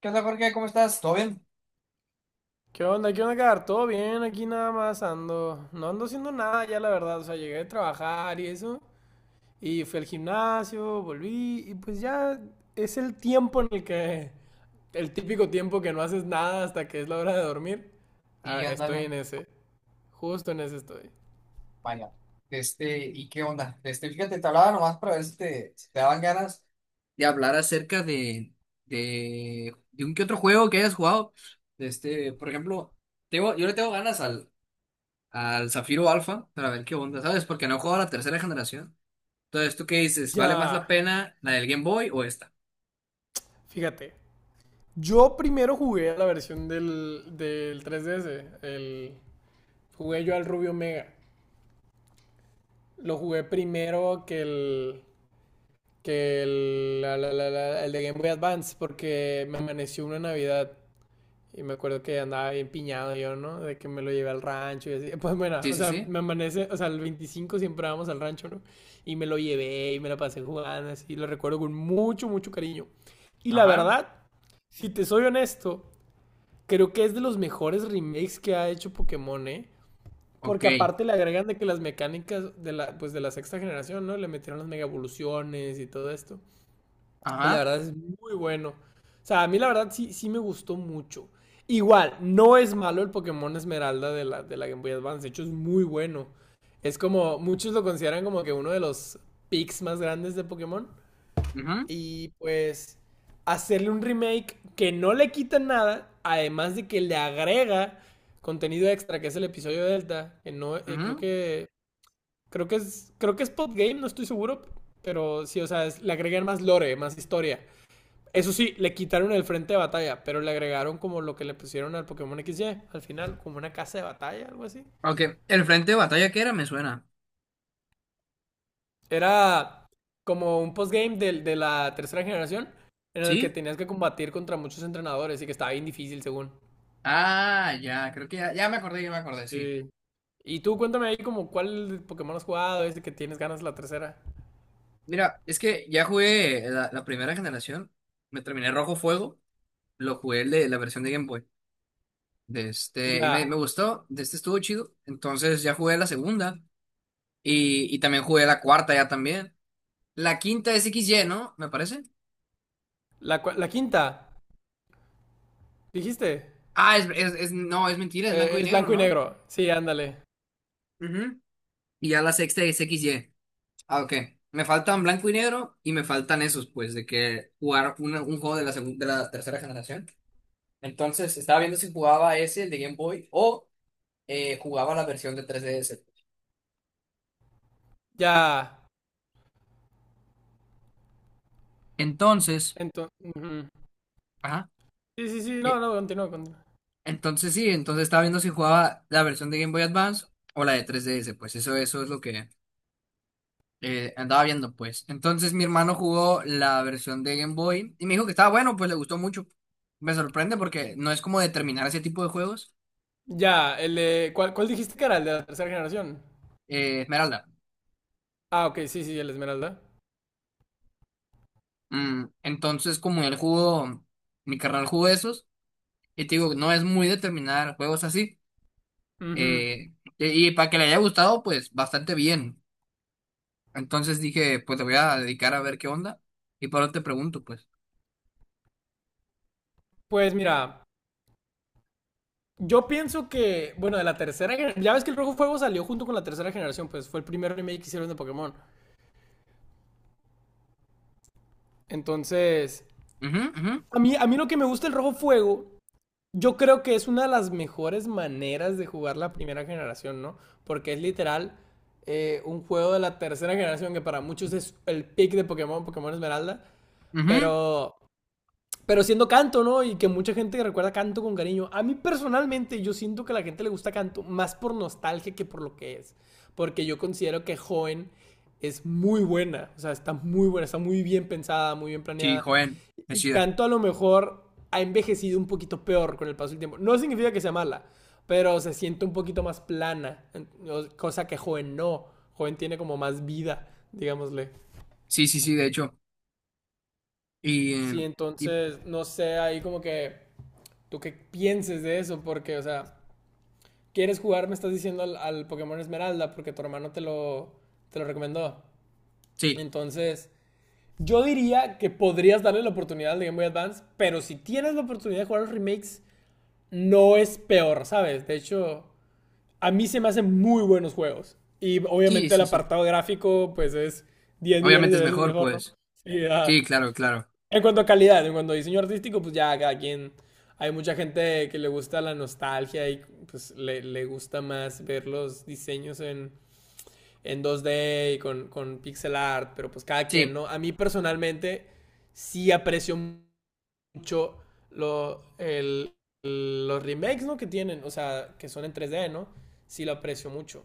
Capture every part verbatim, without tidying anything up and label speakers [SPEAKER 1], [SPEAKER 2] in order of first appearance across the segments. [SPEAKER 1] ¿Qué onda, Jorge? ¿Cómo estás? ¿Todo bien?
[SPEAKER 2] ¿Qué onda? ¿Qué onda, Edgar? ¿Todo bien? Aquí nada más ando. No ando haciendo nada ya, la verdad. O sea, llegué de trabajar y eso. Y fui al gimnasio, volví. Y pues ya es el tiempo en el que. El típico tiempo que no haces nada hasta que es la hora de dormir. Ah,
[SPEAKER 1] Sí,
[SPEAKER 2] estoy
[SPEAKER 1] ándale.
[SPEAKER 2] en ese. Justo en ese estoy.
[SPEAKER 1] Vaya. Este, ¿y qué onda? Este, fíjate, te hablaba nomás para ver si te, si te daban ganas de hablar acerca de, de, de un que otro juego que hayas jugado. Este, por ejemplo, tengo, yo le tengo ganas al, al Zafiro Alpha para ver qué onda, ¿sabes? Porque no he jugado a la tercera generación. Entonces, ¿tú qué dices? ¿Vale más la
[SPEAKER 2] Ya.
[SPEAKER 1] pena la del Game Boy o esta?
[SPEAKER 2] Fíjate. Yo primero jugué a la versión del, del tres D S. El, jugué yo al Rubio Mega. Lo jugué primero que el. Que el, la- la- la- la- el de Game Boy Advance, porque me amaneció una Navidad y me acuerdo que andaba bien piñado yo, ¿no? De que me lo llevé al rancho y así. Pues bueno,
[SPEAKER 1] Sí,
[SPEAKER 2] o
[SPEAKER 1] sí,
[SPEAKER 2] sea,
[SPEAKER 1] sí.
[SPEAKER 2] me amanece, o sea, el veinticinco siempre vamos al rancho, ¿no? Y me lo llevé y me la pasé jugando, así, lo recuerdo con mucho, mucho cariño. Y la
[SPEAKER 1] Ajá.
[SPEAKER 2] verdad, si te soy honesto, creo que es de los mejores remakes que ha hecho Pokémon, ¿eh?
[SPEAKER 1] Ok.
[SPEAKER 2] Porque aparte le agregan de que las mecánicas de la, pues de la sexta generación, ¿no? Le metieron las mega evoluciones y todo esto. Y la
[SPEAKER 1] Ajá.
[SPEAKER 2] verdad es muy bueno. O sea, a mí la verdad sí, sí me gustó mucho. Igual, no es malo el Pokémon Esmeralda de la, de la Game Boy Advance. De hecho, es muy bueno. Es como, muchos lo consideran como que uno de los picks más grandes de Pokémon.
[SPEAKER 1] Ujú,
[SPEAKER 2] Y pues, hacerle un remake que no le quita nada, además de que le agrega contenido extra, que es el episodio Delta, que no, eh, creo
[SPEAKER 1] ujú.
[SPEAKER 2] que, creo que es, creo que es Pop Game, no estoy seguro, pero sí, o sea, es- le agregan más lore, más historia. Eso sí, le quitaron el frente de batalla, pero le agregaron como lo que le pusieron al Pokémon X Y al final, como una casa de batalla, algo así.
[SPEAKER 1] Ok. El frente de batalla que era me suena.
[SPEAKER 2] Era como un postgame de, de la tercera generación en el que
[SPEAKER 1] ¿Sí?
[SPEAKER 2] tenías que combatir contra muchos entrenadores y que estaba bien difícil según.
[SPEAKER 1] Ah, ya, creo que ya, ya me acordé, ya me acordé, sí.
[SPEAKER 2] Sí. Y tú cuéntame ahí como cuál Pokémon has jugado, este que tienes ganas la tercera.
[SPEAKER 1] Mira, es que ya jugué la, la primera generación, me terminé Rojo Fuego, lo jugué el de la versión de Game Boy, de este, y me, me
[SPEAKER 2] Ya,
[SPEAKER 1] gustó, de este estuvo chido, entonces ya jugué la segunda, y, y también jugué la cuarta ya también. La quinta es X Y, ¿no? Me parece.
[SPEAKER 2] la, cua- la quinta, dijiste,
[SPEAKER 1] Ah, es, es, es- no, es mentira, es blanco
[SPEAKER 2] eh,
[SPEAKER 1] y
[SPEAKER 2] es
[SPEAKER 1] negro,
[SPEAKER 2] blanco y
[SPEAKER 1] ¿no?
[SPEAKER 2] negro. Sí, ándale.
[SPEAKER 1] Ujú. Y ya la sexta es X Y. Ah, ok. Me faltan blanco y negro y me faltan esos, pues, de que jugar una- un juego de la, segun- de la tercera generación. Entonces, estaba viendo si jugaba ese, el de Game Boy, o eh, jugaba la versión de tres D S.
[SPEAKER 2] Ya,
[SPEAKER 1] Entonces,
[SPEAKER 2] entonces...
[SPEAKER 1] ajá,
[SPEAKER 2] Sí, sí, sí, no,
[SPEAKER 1] eh,
[SPEAKER 2] no, continúa, continúa.
[SPEAKER 1] entonces sí, entonces estaba viendo si jugaba la versión de Game Boy Advance o la de tres D S, pues eso, eso es lo que eh, andaba viendo, pues. Entonces mi hermano jugó la versión de Game Boy y me dijo que estaba bueno, pues le gustó mucho. Me sorprende porque no es como determinar ese tipo de juegos,
[SPEAKER 2] Ya, el de- ¿cuál, cuál dijiste que era? ¿El de la tercera generación?
[SPEAKER 1] eh, Esmeralda.
[SPEAKER 2] Ah, ok, sí, sí, el Esmeralda.
[SPEAKER 1] Mm, entonces, como él jugó, mi carnal jugó esos, y te digo, no es muy determinar juegos así.
[SPEAKER 2] Ujú.
[SPEAKER 1] Eh, y y para que le haya gustado, pues bastante bien. Entonces dije, pues te voy a dedicar a ver qué onda. Y por eso te pregunto, pues.
[SPEAKER 2] Pues mira, yo pienso que, bueno, de la tercera generación, ya ves que el Rojo Fuego salió junto con la tercera generación, pues fue el primer remake que hicieron de Pokémon. Entonces,
[SPEAKER 1] Ujú, ujú,
[SPEAKER 2] a mí, a mí lo que me gusta el Rojo Fuego, yo creo que es una de las mejores maneras de jugar la primera generación, ¿no? Porque es literal eh, un juego de la tercera generación que para muchos es el pick de Pokémon, Pokémon Esmeralda,
[SPEAKER 1] ujú.
[SPEAKER 2] pero... Pero siendo canto, ¿no? Y que mucha gente recuerda canto con cariño. A mí personalmente yo siento que a la gente le gusta canto más por nostalgia que por lo que es. Porque yo considero que joven es muy buena. O sea, está muy buena, está muy bien pensada, muy bien
[SPEAKER 1] Sí,
[SPEAKER 2] planeada.
[SPEAKER 1] joven, me
[SPEAKER 2] Y
[SPEAKER 1] chida.
[SPEAKER 2] canto a lo mejor ha envejecido un poquito peor con el paso del tiempo. No significa que sea mala, pero se siente un poquito más plana. Cosa que joven no. Joven tiene como más vida, digámosle.
[SPEAKER 1] Sí, sí, sí, de hecho. Y,
[SPEAKER 2] Sí,
[SPEAKER 1] eh, y
[SPEAKER 2] entonces, no sé, ahí como que tú qué pienses de eso, porque, o sea, quieres jugar, me estás diciendo al, al Pokémon Esmeralda, porque tu hermano te lo, te lo recomendó.
[SPEAKER 1] sí,
[SPEAKER 2] Entonces, yo diría que podrías darle la oportunidad al de Game Boy Advance, pero si tienes la oportunidad de jugar los remakes, no es peor, ¿sabes? De hecho, a mí se me hacen muy buenos juegos. Y
[SPEAKER 1] sí,
[SPEAKER 2] obviamente el
[SPEAKER 1] sí, sí.
[SPEAKER 2] apartado gráfico, pues es diez millones
[SPEAKER 1] Obviamente
[SPEAKER 2] de
[SPEAKER 1] es
[SPEAKER 2] veces
[SPEAKER 1] mejor,
[SPEAKER 2] mejor, ¿no?
[SPEAKER 1] pues.
[SPEAKER 2] Sí,
[SPEAKER 1] Sí,
[SPEAKER 2] ah,
[SPEAKER 1] claro, claro.
[SPEAKER 2] en cuanto a calidad, en cuanto a diseño artístico, pues ya cada quien. Hay mucha gente que le gusta la nostalgia y pues le, le gusta más ver los diseños en, en dos D y con, con pixel art, pero pues cada quien,
[SPEAKER 1] Sí,
[SPEAKER 2] ¿no? A mí personalmente sí aprecio mucho lo, el- los remakes, ¿no? Que tienen, o sea, que son en tres D, ¿no? Sí lo aprecio mucho.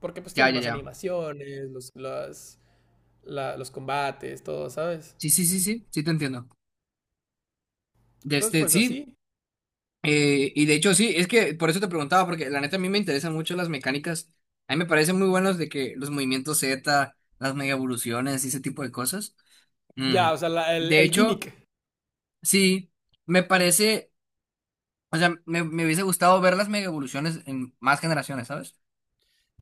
[SPEAKER 2] Porque pues
[SPEAKER 1] ya,
[SPEAKER 2] tiene
[SPEAKER 1] ya,
[SPEAKER 2] más
[SPEAKER 1] ya.
[SPEAKER 2] animaciones, los, las- la- los combates, todo, ¿sabes?
[SPEAKER 1] Sí, sí, sí, sí, sí, te entiendo. De
[SPEAKER 2] Entonces,
[SPEAKER 1] este,
[SPEAKER 2] pues
[SPEAKER 1] sí.
[SPEAKER 2] así.
[SPEAKER 1] Eh, y de hecho, sí, es que por eso te preguntaba, porque la neta a mí me interesan mucho las mecánicas. A mí me parecen muy buenos de que los movimientos Z, las mega evoluciones y ese tipo de cosas. Mm.
[SPEAKER 2] Ya, o sea, la- el,
[SPEAKER 1] De
[SPEAKER 2] el
[SPEAKER 1] hecho,
[SPEAKER 2] gimmick.
[SPEAKER 1] sí, me parece, o sea, me, me hubiese gustado ver las mega evoluciones en más generaciones, ¿sabes?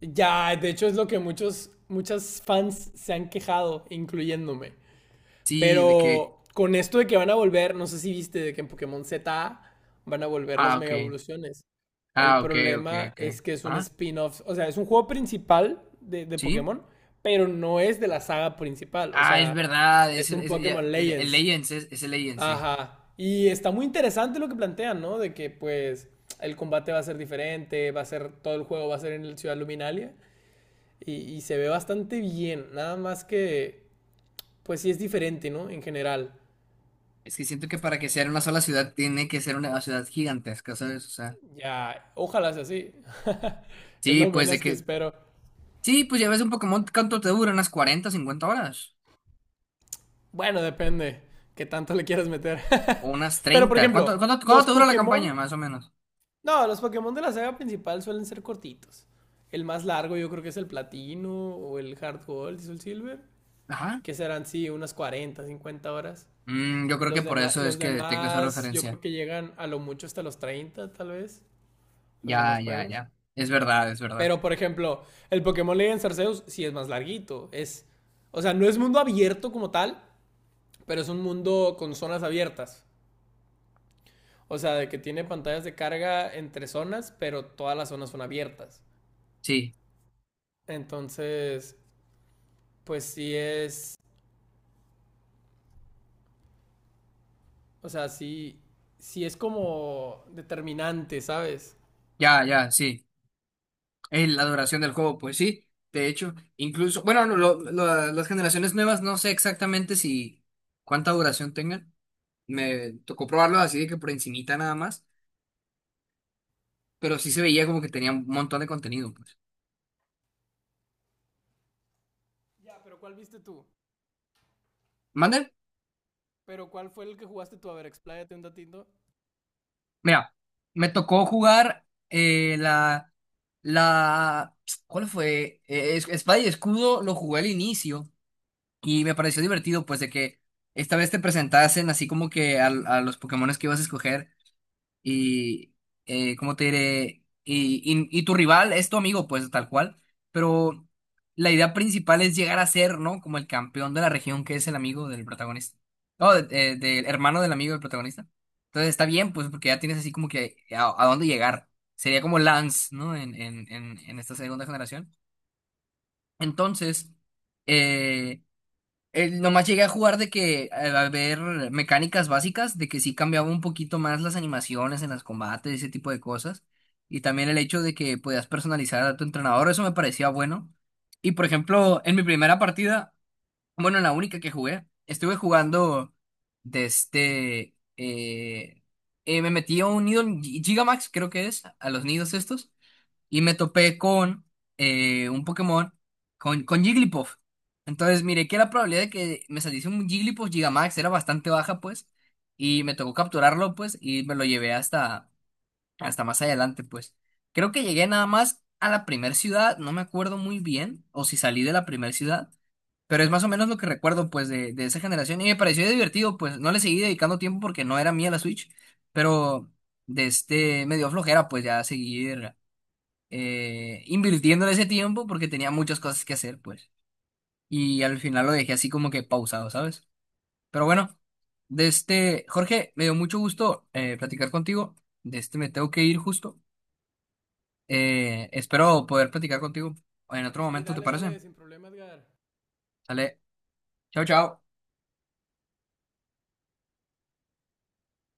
[SPEAKER 2] Ya, de hecho es lo que muchos, muchas fans se han quejado, incluyéndome.
[SPEAKER 1] Sí, de que,
[SPEAKER 2] Pero con esto de que van a volver, no sé si viste de que en Pokémon Z van a volver
[SPEAKER 1] ah,
[SPEAKER 2] las
[SPEAKER 1] ok,
[SPEAKER 2] mega evoluciones. El
[SPEAKER 1] ah, ok, ok,
[SPEAKER 2] problema
[SPEAKER 1] ok.
[SPEAKER 2] es que es un
[SPEAKER 1] Ah,
[SPEAKER 2] spin-off, o sea, es un juego principal de, de
[SPEAKER 1] sí.
[SPEAKER 2] Pokémon, pero no es de la saga principal, o
[SPEAKER 1] Ah, es
[SPEAKER 2] sea,
[SPEAKER 1] verdad, es,
[SPEAKER 2] es un
[SPEAKER 1] es- ya,
[SPEAKER 2] Pokémon
[SPEAKER 1] es- el
[SPEAKER 2] Legends.
[SPEAKER 1] Legends, es, es el Legends, sí.
[SPEAKER 2] Ajá. Y está muy interesante lo que plantean, ¿no? De que pues el combate va a ser diferente, va a ser, todo el juego va a ser en el Ciudad Luminalia y, y se ve bastante bien, nada más que pues sí es diferente, ¿no? En general.
[SPEAKER 1] Es que siento que para que sea una sola ciudad tiene que ser una ciudad gigantesca, ¿sabes? O sea.
[SPEAKER 2] Ya, ojalá sea así. Es
[SPEAKER 1] Sí,
[SPEAKER 2] lo
[SPEAKER 1] pues de
[SPEAKER 2] menos que
[SPEAKER 1] que.
[SPEAKER 2] espero.
[SPEAKER 1] Sí, pues ya ves un Pokémon, ¿cuánto te dura? ¿Unas cuarenta cincuenta horas?
[SPEAKER 2] Bueno, depende qué tanto le quieras meter.
[SPEAKER 1] ¿O unas
[SPEAKER 2] Pero por
[SPEAKER 1] treinta? ¿Cuánto,
[SPEAKER 2] ejemplo,
[SPEAKER 1] cuánto, cuánto
[SPEAKER 2] los
[SPEAKER 1] te dura la campaña,
[SPEAKER 2] Pokémon,
[SPEAKER 1] más o menos?
[SPEAKER 2] no, los Pokémon de la saga principal suelen ser cortitos. El más largo yo creo que es el Platino o el Hard Gold y el Silver.
[SPEAKER 1] Ajá.
[SPEAKER 2] Que serán, sí, unas cuarenta cincuenta horas.
[SPEAKER 1] Mm, yo creo que
[SPEAKER 2] Los
[SPEAKER 1] por
[SPEAKER 2] demás,
[SPEAKER 1] eso es
[SPEAKER 2] los
[SPEAKER 1] que tengo esa
[SPEAKER 2] demás, yo creo
[SPEAKER 1] referencia.
[SPEAKER 2] que llegan a lo mucho hasta los treinta tal vez, los demás
[SPEAKER 1] Ya, ya,
[SPEAKER 2] juegos.
[SPEAKER 1] ya. Es verdad, es verdad.
[SPEAKER 2] Pero, por ejemplo, el Pokémon Legends Arceus sí es más larguito. Es, o sea, no es mundo abierto como tal, pero es un mundo con zonas abiertas. O sea, de que tiene pantallas de carga entre zonas, pero todas las zonas son abiertas.
[SPEAKER 1] Sí,
[SPEAKER 2] Entonces, pues sí es, o sea, sí, sí es como determinante, ¿sabes?
[SPEAKER 1] ya, ya, sí. Es la duración del juego, pues sí. De hecho, incluso, bueno, no, lo- lo- las generaciones nuevas no sé exactamente si cuánta duración tengan. Me tocó probarlo así de que por encimita nada más, pero sí se veía como que tenía un montón de contenido, pues.
[SPEAKER 2] Ya, pero ¿cuál viste tú?
[SPEAKER 1] ¿Mande?
[SPEAKER 2] Pero ¿cuál fue el que jugaste tú? A ver, expláyate un datito.
[SPEAKER 1] Mira, me tocó jugar eh, la, la, ¿cuál fue? Eh, es- Espada y Escudo lo jugué al inicio y me pareció divertido, pues de que esta vez te presentasen así como que al- a los Pokémones que ibas a escoger y eh, ¿cómo te diré? Y, y- y tu rival es tu amigo, pues tal cual, pero la idea principal es llegar a ser, ¿no? Como el campeón de la región que es el amigo del protagonista. No, de- de- del hermano del amigo del protagonista. Entonces está bien, pues porque ya tienes así como que a, a dónde llegar. Sería como Lance, ¿no? En, en, en, en esta segunda generación. Entonces, eh, eh, nomás llegué a jugar de que eh, a ver mecánicas básicas, de que sí cambiaba un poquito más las animaciones en los combates, ese tipo de cosas. Y también el hecho de que podías personalizar a tu entrenador, eso me parecía bueno. Y por ejemplo, en mi primera partida, bueno, en la única que jugué, estuve jugando desde... eh, eh, me metí a un nido en Gi- Gigamax, creo que es, a los nidos estos y me topé con eh, un Pokémon, con, con Jigglypuff. Entonces miré que la probabilidad de que me saliese un Jigglypuff Gigamax era bastante baja, pues, y me tocó capturarlo, pues, y me lo llevé hasta, hasta más adelante, pues. Creo que llegué nada más a la primer ciudad, no me acuerdo muy bien, o si salí de la primer ciudad, pero es más o menos lo que recuerdo, pues, de, de esa generación, y me pareció divertido, pues, no le seguí dedicando tiempo porque no era mía la Switch, pero de este, me dio flojera, pues, ya seguir eh, invirtiendo en ese tiempo porque tenía muchas cosas que hacer, pues. Y al final lo dejé así como que pausado, ¿sabes? Pero bueno, de este, Jorge, me dio mucho gusto eh, platicar contigo. De este me tengo que ir justo. Eh, espero poder platicar contigo en otro
[SPEAKER 2] Sí,
[SPEAKER 1] momento, ¿te
[SPEAKER 2] dale,
[SPEAKER 1] parece?
[SPEAKER 2] dale, sin problema, Edgar.
[SPEAKER 1] Sale, chao, chao.